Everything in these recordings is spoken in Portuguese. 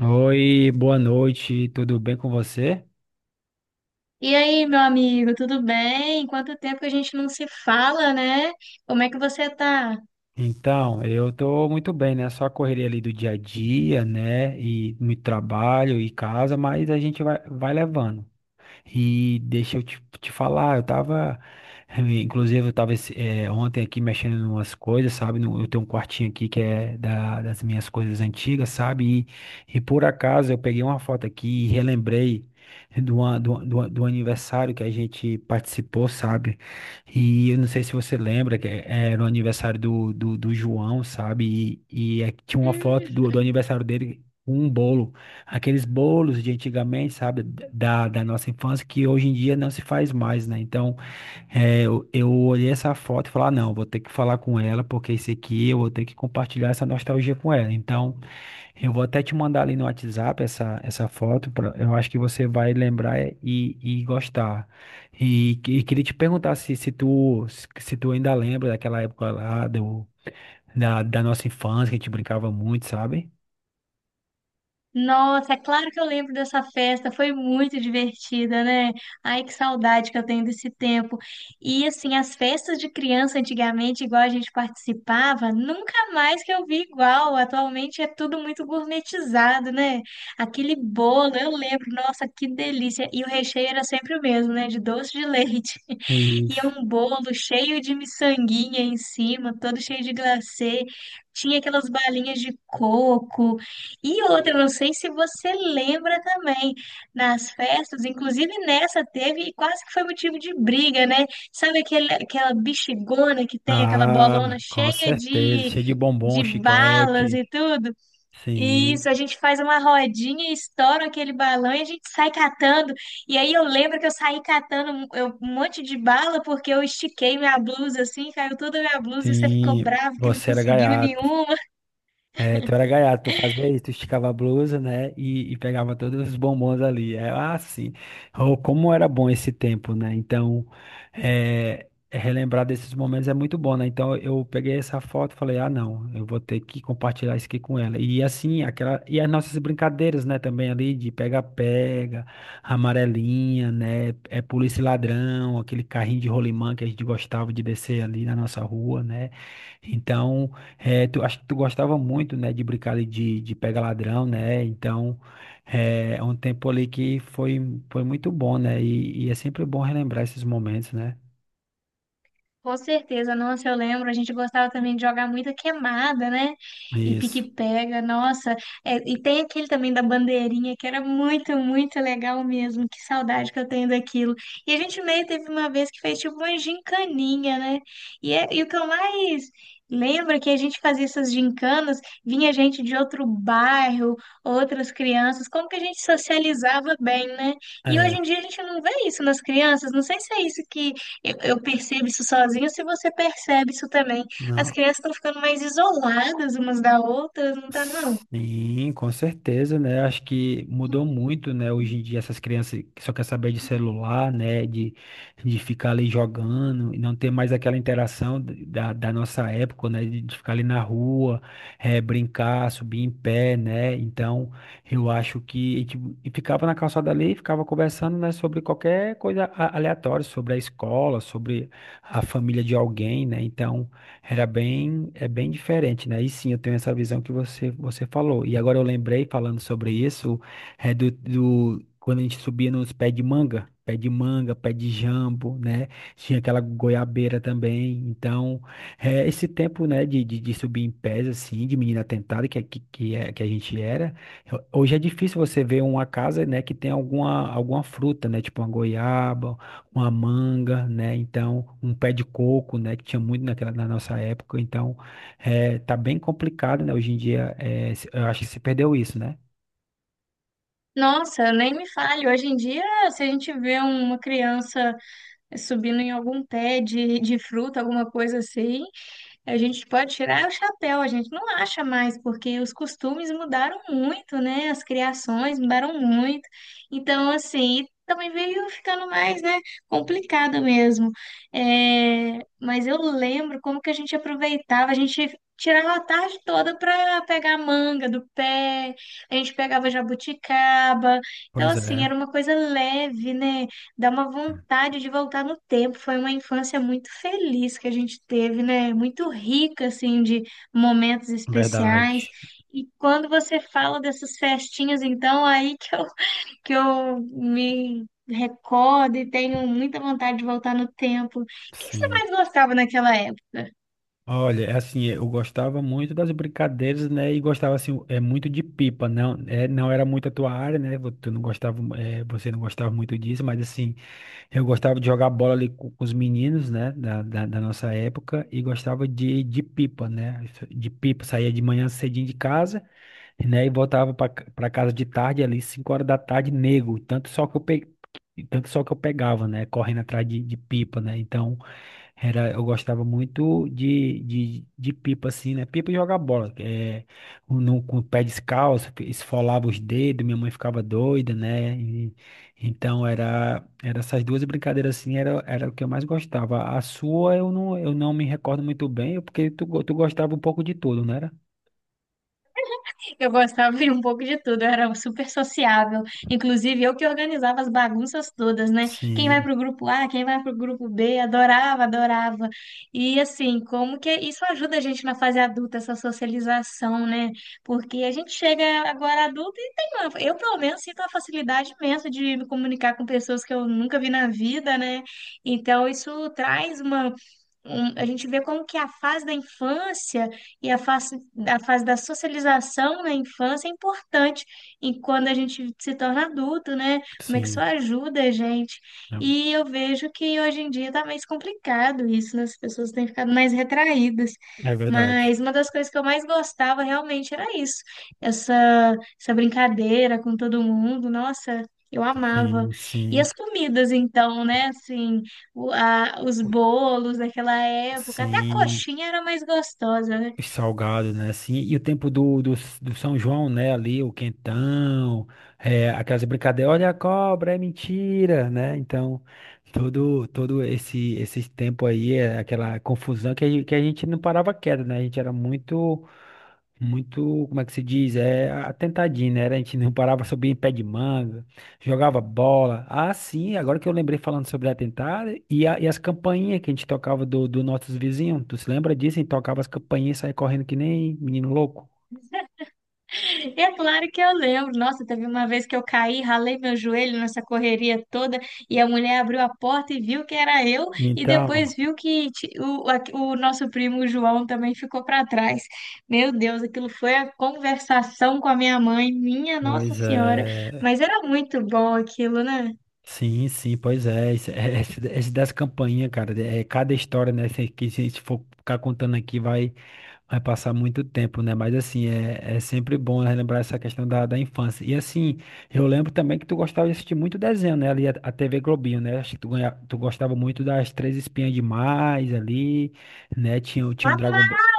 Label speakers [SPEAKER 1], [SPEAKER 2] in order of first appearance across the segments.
[SPEAKER 1] Oi, boa noite, tudo bem com você?
[SPEAKER 2] E aí, meu amigo, tudo bem? Quanto tempo que a gente não se fala, né? Como é que você tá?
[SPEAKER 1] Então, eu tô muito bem, né? Só a correria ali do dia a dia, né? E no trabalho e casa, mas a gente vai levando. E deixa eu te falar, eu tava, eh, inclusive eu tava esse- eh, ontem aqui mexendo em umas coisas, sabe? Eu tenho um quartinho aqui que é das minhas coisas antigas, sabe? E por acaso eu peguei uma foto aqui e relembrei do, an- do, do, do aniversário que a gente participou, sabe? E eu não sei se você lembra, que era o aniversário do João, sabe? E tinha uma foto do,
[SPEAKER 2] Hum.
[SPEAKER 1] do aniversário dele com um bolo, aqueles bolos de antigamente, sabe, da nossa infância, que hoje em dia não se faz mais, né? Então, é, eu olhei essa foto e falei, ah, não, vou ter que falar com ela, porque esse aqui eu vou ter que compartilhar essa nostalgia com ela. Então, eu vou até te mandar ali no WhatsApp essa foto, eu acho que você vai lembrar e gostar. E queria te perguntar se tu ainda lembra daquela época lá da nossa infância, que a gente brincava muito, sabe?
[SPEAKER 2] Nossa, é claro que eu lembro dessa festa, foi muito divertida, né? Ai, que saudade que eu tenho desse tempo. E assim, as festas de criança antigamente, igual a gente participava, nunca mais que eu vi igual. Atualmente é tudo muito gourmetizado, né? Aquele bolo, eu lembro, nossa, que delícia. E o recheio era sempre o mesmo, né? De doce de leite. E é
[SPEAKER 1] Isso.
[SPEAKER 2] um bolo cheio de miçanguinha em cima, todo cheio de glacê. Tinha aquelas balinhas de coco. E outra, não sei se você lembra também, nas festas, inclusive nessa teve, e quase que foi motivo de briga, né? Sabe aquele, aquela bexigona que tem, aquela
[SPEAKER 1] Ah,
[SPEAKER 2] bolona
[SPEAKER 1] com
[SPEAKER 2] cheia
[SPEAKER 1] certeza. Cheio de bombom,
[SPEAKER 2] de balas
[SPEAKER 1] chiclete.
[SPEAKER 2] e tudo?
[SPEAKER 1] Sim,
[SPEAKER 2] Isso, a gente faz uma rodinha, estoura aquele balão e a gente sai catando. E aí eu lembro que eu saí catando um monte de bala porque eu estiquei minha blusa assim, caiu toda a minha blusa e você ficou
[SPEAKER 1] sim.
[SPEAKER 2] bravo que não
[SPEAKER 1] Você era
[SPEAKER 2] conseguiu
[SPEAKER 1] gaiato.
[SPEAKER 2] nenhuma.
[SPEAKER 1] É, tu era gaiato, tu fazia isso, tu esticava a blusa, né, e pegava todos os bombons ali. É, ah, sim, oh, como era bom esse tempo, né? Então, é, relembrar desses momentos é muito bom, né? Então, eu peguei essa foto e falei, ah, não, eu vou ter que compartilhar isso aqui com ela. E assim, aquela, e as nossas brincadeiras, né, também ali, de pega-pega, amarelinha, né, é polícia e ladrão, aquele carrinho de rolimã que a gente gostava de descer ali na nossa rua, né? Então. É, tu, acho que tu gostava muito, né, de brincar ali de pega ladrão, né? Então, é um tempo ali que foi, foi muito bom, né? E é sempre bom relembrar esses momentos, né?
[SPEAKER 2] Com certeza, nossa, eu lembro, a gente gostava também de jogar muita queimada, né? E
[SPEAKER 1] Isso.
[SPEAKER 2] pique-pega, nossa. É, e tem aquele também da bandeirinha, que era muito, muito legal mesmo. Que saudade que eu tenho daquilo. E a gente meio teve uma vez que fez tipo uma gincaninha, né? E o que eu mais lembro é que a gente fazia essas gincanas, vinha gente de outro bairro, outras crianças, como que a gente socializava bem, né? E hoje
[SPEAKER 1] É,
[SPEAKER 2] em dia a gente não vê isso nas crianças, não sei se é isso que eu percebo isso sozinha, se você percebe isso também. As
[SPEAKER 1] não.
[SPEAKER 2] crianças estão ficando mais isoladas umas da outra, não tá, não?
[SPEAKER 1] Sim, com certeza, né? Acho que mudou muito, né? Hoje em dia essas crianças que só quer saber de celular, né? De ficar ali jogando e não ter mais aquela interação da nossa época, né? De ficar ali na rua, brincar, subir em pé, né? Então, eu acho que e ficava na calçada ali, e ficava conversando, né? Sobre qualquer coisa aleatória, sobre a escola, sobre a família de alguém, né? Então era bem, é bem diferente, né? E sim, eu tenho essa visão que você falou. E agora eu lembrei, falando sobre isso, é quando a gente subia nos pés de manga, pé de manga, pé de jambo, né? Tinha aquela goiabeira também. Então, é, esse tempo, né, de subir em pés, assim, de menina tentada, que a gente era, hoje é difícil você ver uma casa, né, que tem alguma, alguma fruta, né? Tipo uma goiaba, uma manga, né? Então, um pé de coco, né? Que tinha muito naquela, na nossa época. Então, é, tá bem complicado, né? Hoje em dia, é, eu acho que se perdeu isso, né?
[SPEAKER 2] Nossa, nem me fale. Hoje em dia, se a gente vê uma criança subindo em algum pé de fruta, alguma coisa assim, a gente pode tirar o chapéu, a gente não acha mais, porque os costumes mudaram muito, né? As criações mudaram muito. Então, assim, também veio ficando mais, né, complicado mesmo. É, mas eu lembro como que a gente aproveitava, a gente tirava a tarde toda para pegar manga do pé, a gente pegava jabuticaba. Então,
[SPEAKER 1] Pois
[SPEAKER 2] assim,
[SPEAKER 1] é.
[SPEAKER 2] era uma coisa leve, né? Dá uma vontade de voltar no tempo. Foi uma infância muito feliz que a gente teve, né? Muito rica, assim, de momentos especiais.
[SPEAKER 1] Verdade.
[SPEAKER 2] E quando você fala dessas festinhas, então, aí que eu, que eu me recordo e tenho muita vontade de voltar no tempo. O que que você
[SPEAKER 1] Sim.
[SPEAKER 2] mais gostava naquela época?
[SPEAKER 1] Olha, é assim, é, eu gostava muito das brincadeiras, né? E gostava assim, é muito de pipa, não, é, não era muito a tua área, né? Tu não gostava, é, você não gostava muito disso, mas assim, eu gostava de jogar bola ali com os meninos, né? Da nossa época e gostava de pipa, né? De pipa, saía de manhã cedinho de casa, né? E voltava para casa de tarde ali, 5 horas da tarde, nego, tanto só que eu pegava, né? Correndo atrás de pipa, né? Então era, eu gostava muito de pipa, assim, né? Pipa e jogar bola. É, no, com o pé descalço, que esfolava os dedos, minha mãe ficava doida, né? Então, era, era essas duas brincadeiras, assim, era, era o que eu mais gostava. A sua, eu não me recordo muito bem, porque tu, tu gostava um pouco de tudo, não era?
[SPEAKER 2] Eu gostava de um pouco de tudo, eu era super sociável. Inclusive, eu que organizava as bagunças todas, né? Quem vai
[SPEAKER 1] Sim,
[SPEAKER 2] pro grupo A, quem vai pro grupo B, adorava, adorava. E assim, como que isso ajuda a gente na fase adulta, essa socialização, né? Porque a gente chega agora adulto e tem uma... Eu, pelo menos, sinto uma facilidade imensa de me comunicar com pessoas que eu nunca vi na vida, né? Então, isso traz uma. A gente vê como que a fase da infância e a fase da socialização na infância é importante e quando a gente se torna adulto, né? Como é que isso
[SPEAKER 1] sim.
[SPEAKER 2] ajuda a gente?
[SPEAKER 1] É
[SPEAKER 2] E eu vejo que hoje em dia está mais complicado isso, né? As pessoas têm ficado mais retraídas.
[SPEAKER 1] é verdade.
[SPEAKER 2] Mas uma das coisas que eu mais gostava realmente era isso, essa, essa brincadeira com todo mundo. Nossa, eu amava.
[SPEAKER 1] Sim,
[SPEAKER 2] E
[SPEAKER 1] sim,
[SPEAKER 2] as comidas, então, né? Assim, os bolos daquela época, até a
[SPEAKER 1] sim.
[SPEAKER 2] coxinha era mais gostosa, né?
[SPEAKER 1] Salgado, né? Assim, e o tempo do São João, né? Ali, o quentão, é, aquelas brincadeiras, olha a cobra, é mentira, né? Então, todo esse, esse tempo aí, é aquela confusão que a gente não parava quieto, né? A gente era muito, como é que se diz? É atentadinho, né? Era, a gente não parava, subia em pé de manga, jogava bola. Ah, sim, agora que eu lembrei falando sobre atentado e as campainhas que a gente tocava do, do nossos vizinhos. Tu se lembra disso? A gente tocava as campainhas e saía correndo que nem menino louco.
[SPEAKER 2] É claro que eu lembro. Nossa, teve uma vez que eu caí, ralei meu joelho nessa correria toda e a mulher abriu a porta e viu que era eu e
[SPEAKER 1] Então,
[SPEAKER 2] depois viu que o nosso primo João também ficou para trás. Meu Deus, aquilo foi a conversação com a minha mãe, minha Nossa
[SPEAKER 1] pois
[SPEAKER 2] Senhora.
[SPEAKER 1] é.
[SPEAKER 2] Mas era muito bom aquilo, né?
[SPEAKER 1] Sim, sim, pois é. Esse das campainhas, cara, é cada história, né? Que se a gente for ficar contando aqui, vai. Vai passar muito tempo, né? Mas assim, é, é sempre bom relembrar essa questão da, da infância. E assim, eu lembro também que tu gostava de assistir muito desenho, né? Ali a TV Globinho, né? Acho que tu gostava muito das Três Espinhas Demais ali, né? Tinha o Dragon Ball,
[SPEAKER 2] Amava!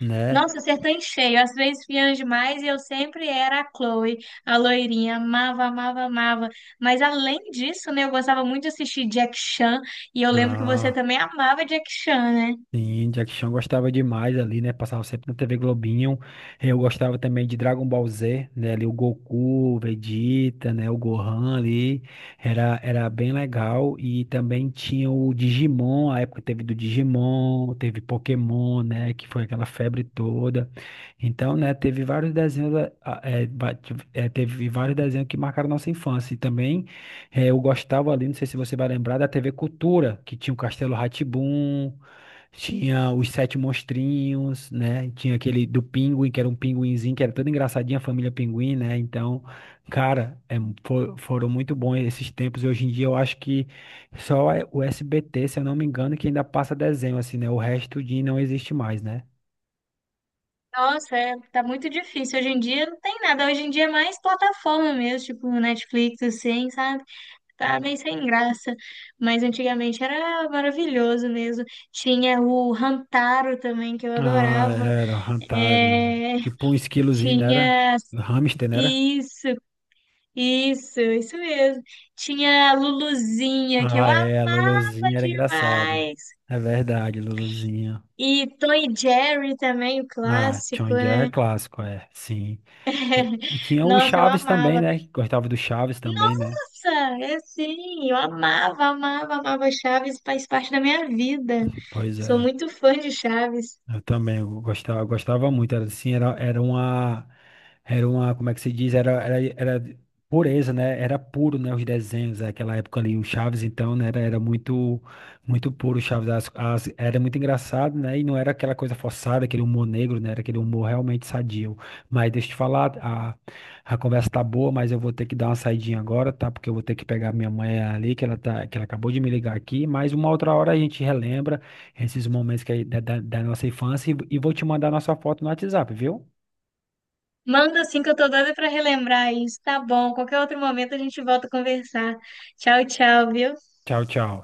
[SPEAKER 1] né?
[SPEAKER 2] Nossa, acertou em cheio. Às vezes fiange demais e eu sempre era a Chloe, a loirinha. Amava, amava, amava. Mas além disso, né, eu gostava muito de assistir Jack Chan e eu lembro que você também amava Jack Chan, né?
[SPEAKER 1] Sim, Jack Chan gostava demais ali, né? Passava sempre na TV Globinho. Eu gostava também de Dragon Ball Z, né? Ali o Goku, o Vegeta, né? O Gohan ali. Era, era bem legal. E também tinha o Digimon, a época teve do Digimon, teve Pokémon, né? Que foi aquela febre toda. Então, né? Teve vários desenhos, ah, ah, é, ba- teve vários desenhos que marcaram nossa infância. E também eu gostava ali, não sei se você vai lembrar, da TV Cultura, que tinha o Castelo Rá, tinha os Sete Monstrinhos, né? Tinha aquele do Pinguim, que era um pinguinzinho, que era todo engraçadinho, a família Pinguim, né? Então, cara, é, foram muito bons esses tempos. Hoje em dia eu acho que só é o SBT, se eu não me engano, que ainda passa desenho, assim, né? O resto de não existe mais, né?
[SPEAKER 2] Nossa, é, tá muito difícil. Hoje em dia não tem nada. Hoje em dia é mais plataforma mesmo, tipo Netflix, assim, sabe? Tá meio sem graça. Mas antigamente era maravilhoso mesmo. Tinha o Hantaro também, que eu
[SPEAKER 1] Ah,
[SPEAKER 2] adorava.
[SPEAKER 1] era, Hantaro.
[SPEAKER 2] É,
[SPEAKER 1] Tipo um esquilozinho, né? Era?
[SPEAKER 2] tinha.
[SPEAKER 1] Hamster, né? Era?
[SPEAKER 2] Isso, isso mesmo. Tinha a Luluzinha, que eu
[SPEAKER 1] Ah,
[SPEAKER 2] amava
[SPEAKER 1] é, a Lolozinha era engraçada.
[SPEAKER 2] demais.
[SPEAKER 1] É verdade, Lolozinha.
[SPEAKER 2] E Tom e Jerry também, o
[SPEAKER 1] Ah,
[SPEAKER 2] clássico,
[SPEAKER 1] John Jerry é
[SPEAKER 2] né?
[SPEAKER 1] clássico, é, sim. E tinha o
[SPEAKER 2] Nossa, eu
[SPEAKER 1] Chaves também,
[SPEAKER 2] amava.
[SPEAKER 1] né? Que gostava do Chaves também, né?
[SPEAKER 2] Nossa, é sim, eu amava, amava, amava Chaves, faz parte da minha vida.
[SPEAKER 1] Pois
[SPEAKER 2] Sou
[SPEAKER 1] é.
[SPEAKER 2] muito fã de Chaves.
[SPEAKER 1] Eu também eu gostava muito, era assim, era uma, como é que se diz, era pureza, né, era puro, né, os desenhos, né? Aquela época ali, o Chaves, então, né, era, era muito, muito puro o Chaves, era muito engraçado, né, e não era aquela coisa forçada, aquele humor negro, né, era aquele humor realmente sadio, mas deixa eu te falar, a conversa tá boa, mas eu vou ter que dar uma saidinha agora, tá, porque eu vou ter que pegar minha mãe ali, que ela tá, que ela acabou de me ligar aqui, mas uma outra hora a gente relembra esses momentos que, é da, da nossa infância e vou te mandar nossa foto no WhatsApp, viu?
[SPEAKER 2] Manda assim que eu tô doida pra relembrar isso, tá bom? Qualquer outro momento a gente volta a conversar. Tchau, tchau, viu?
[SPEAKER 1] Tchau, tchau.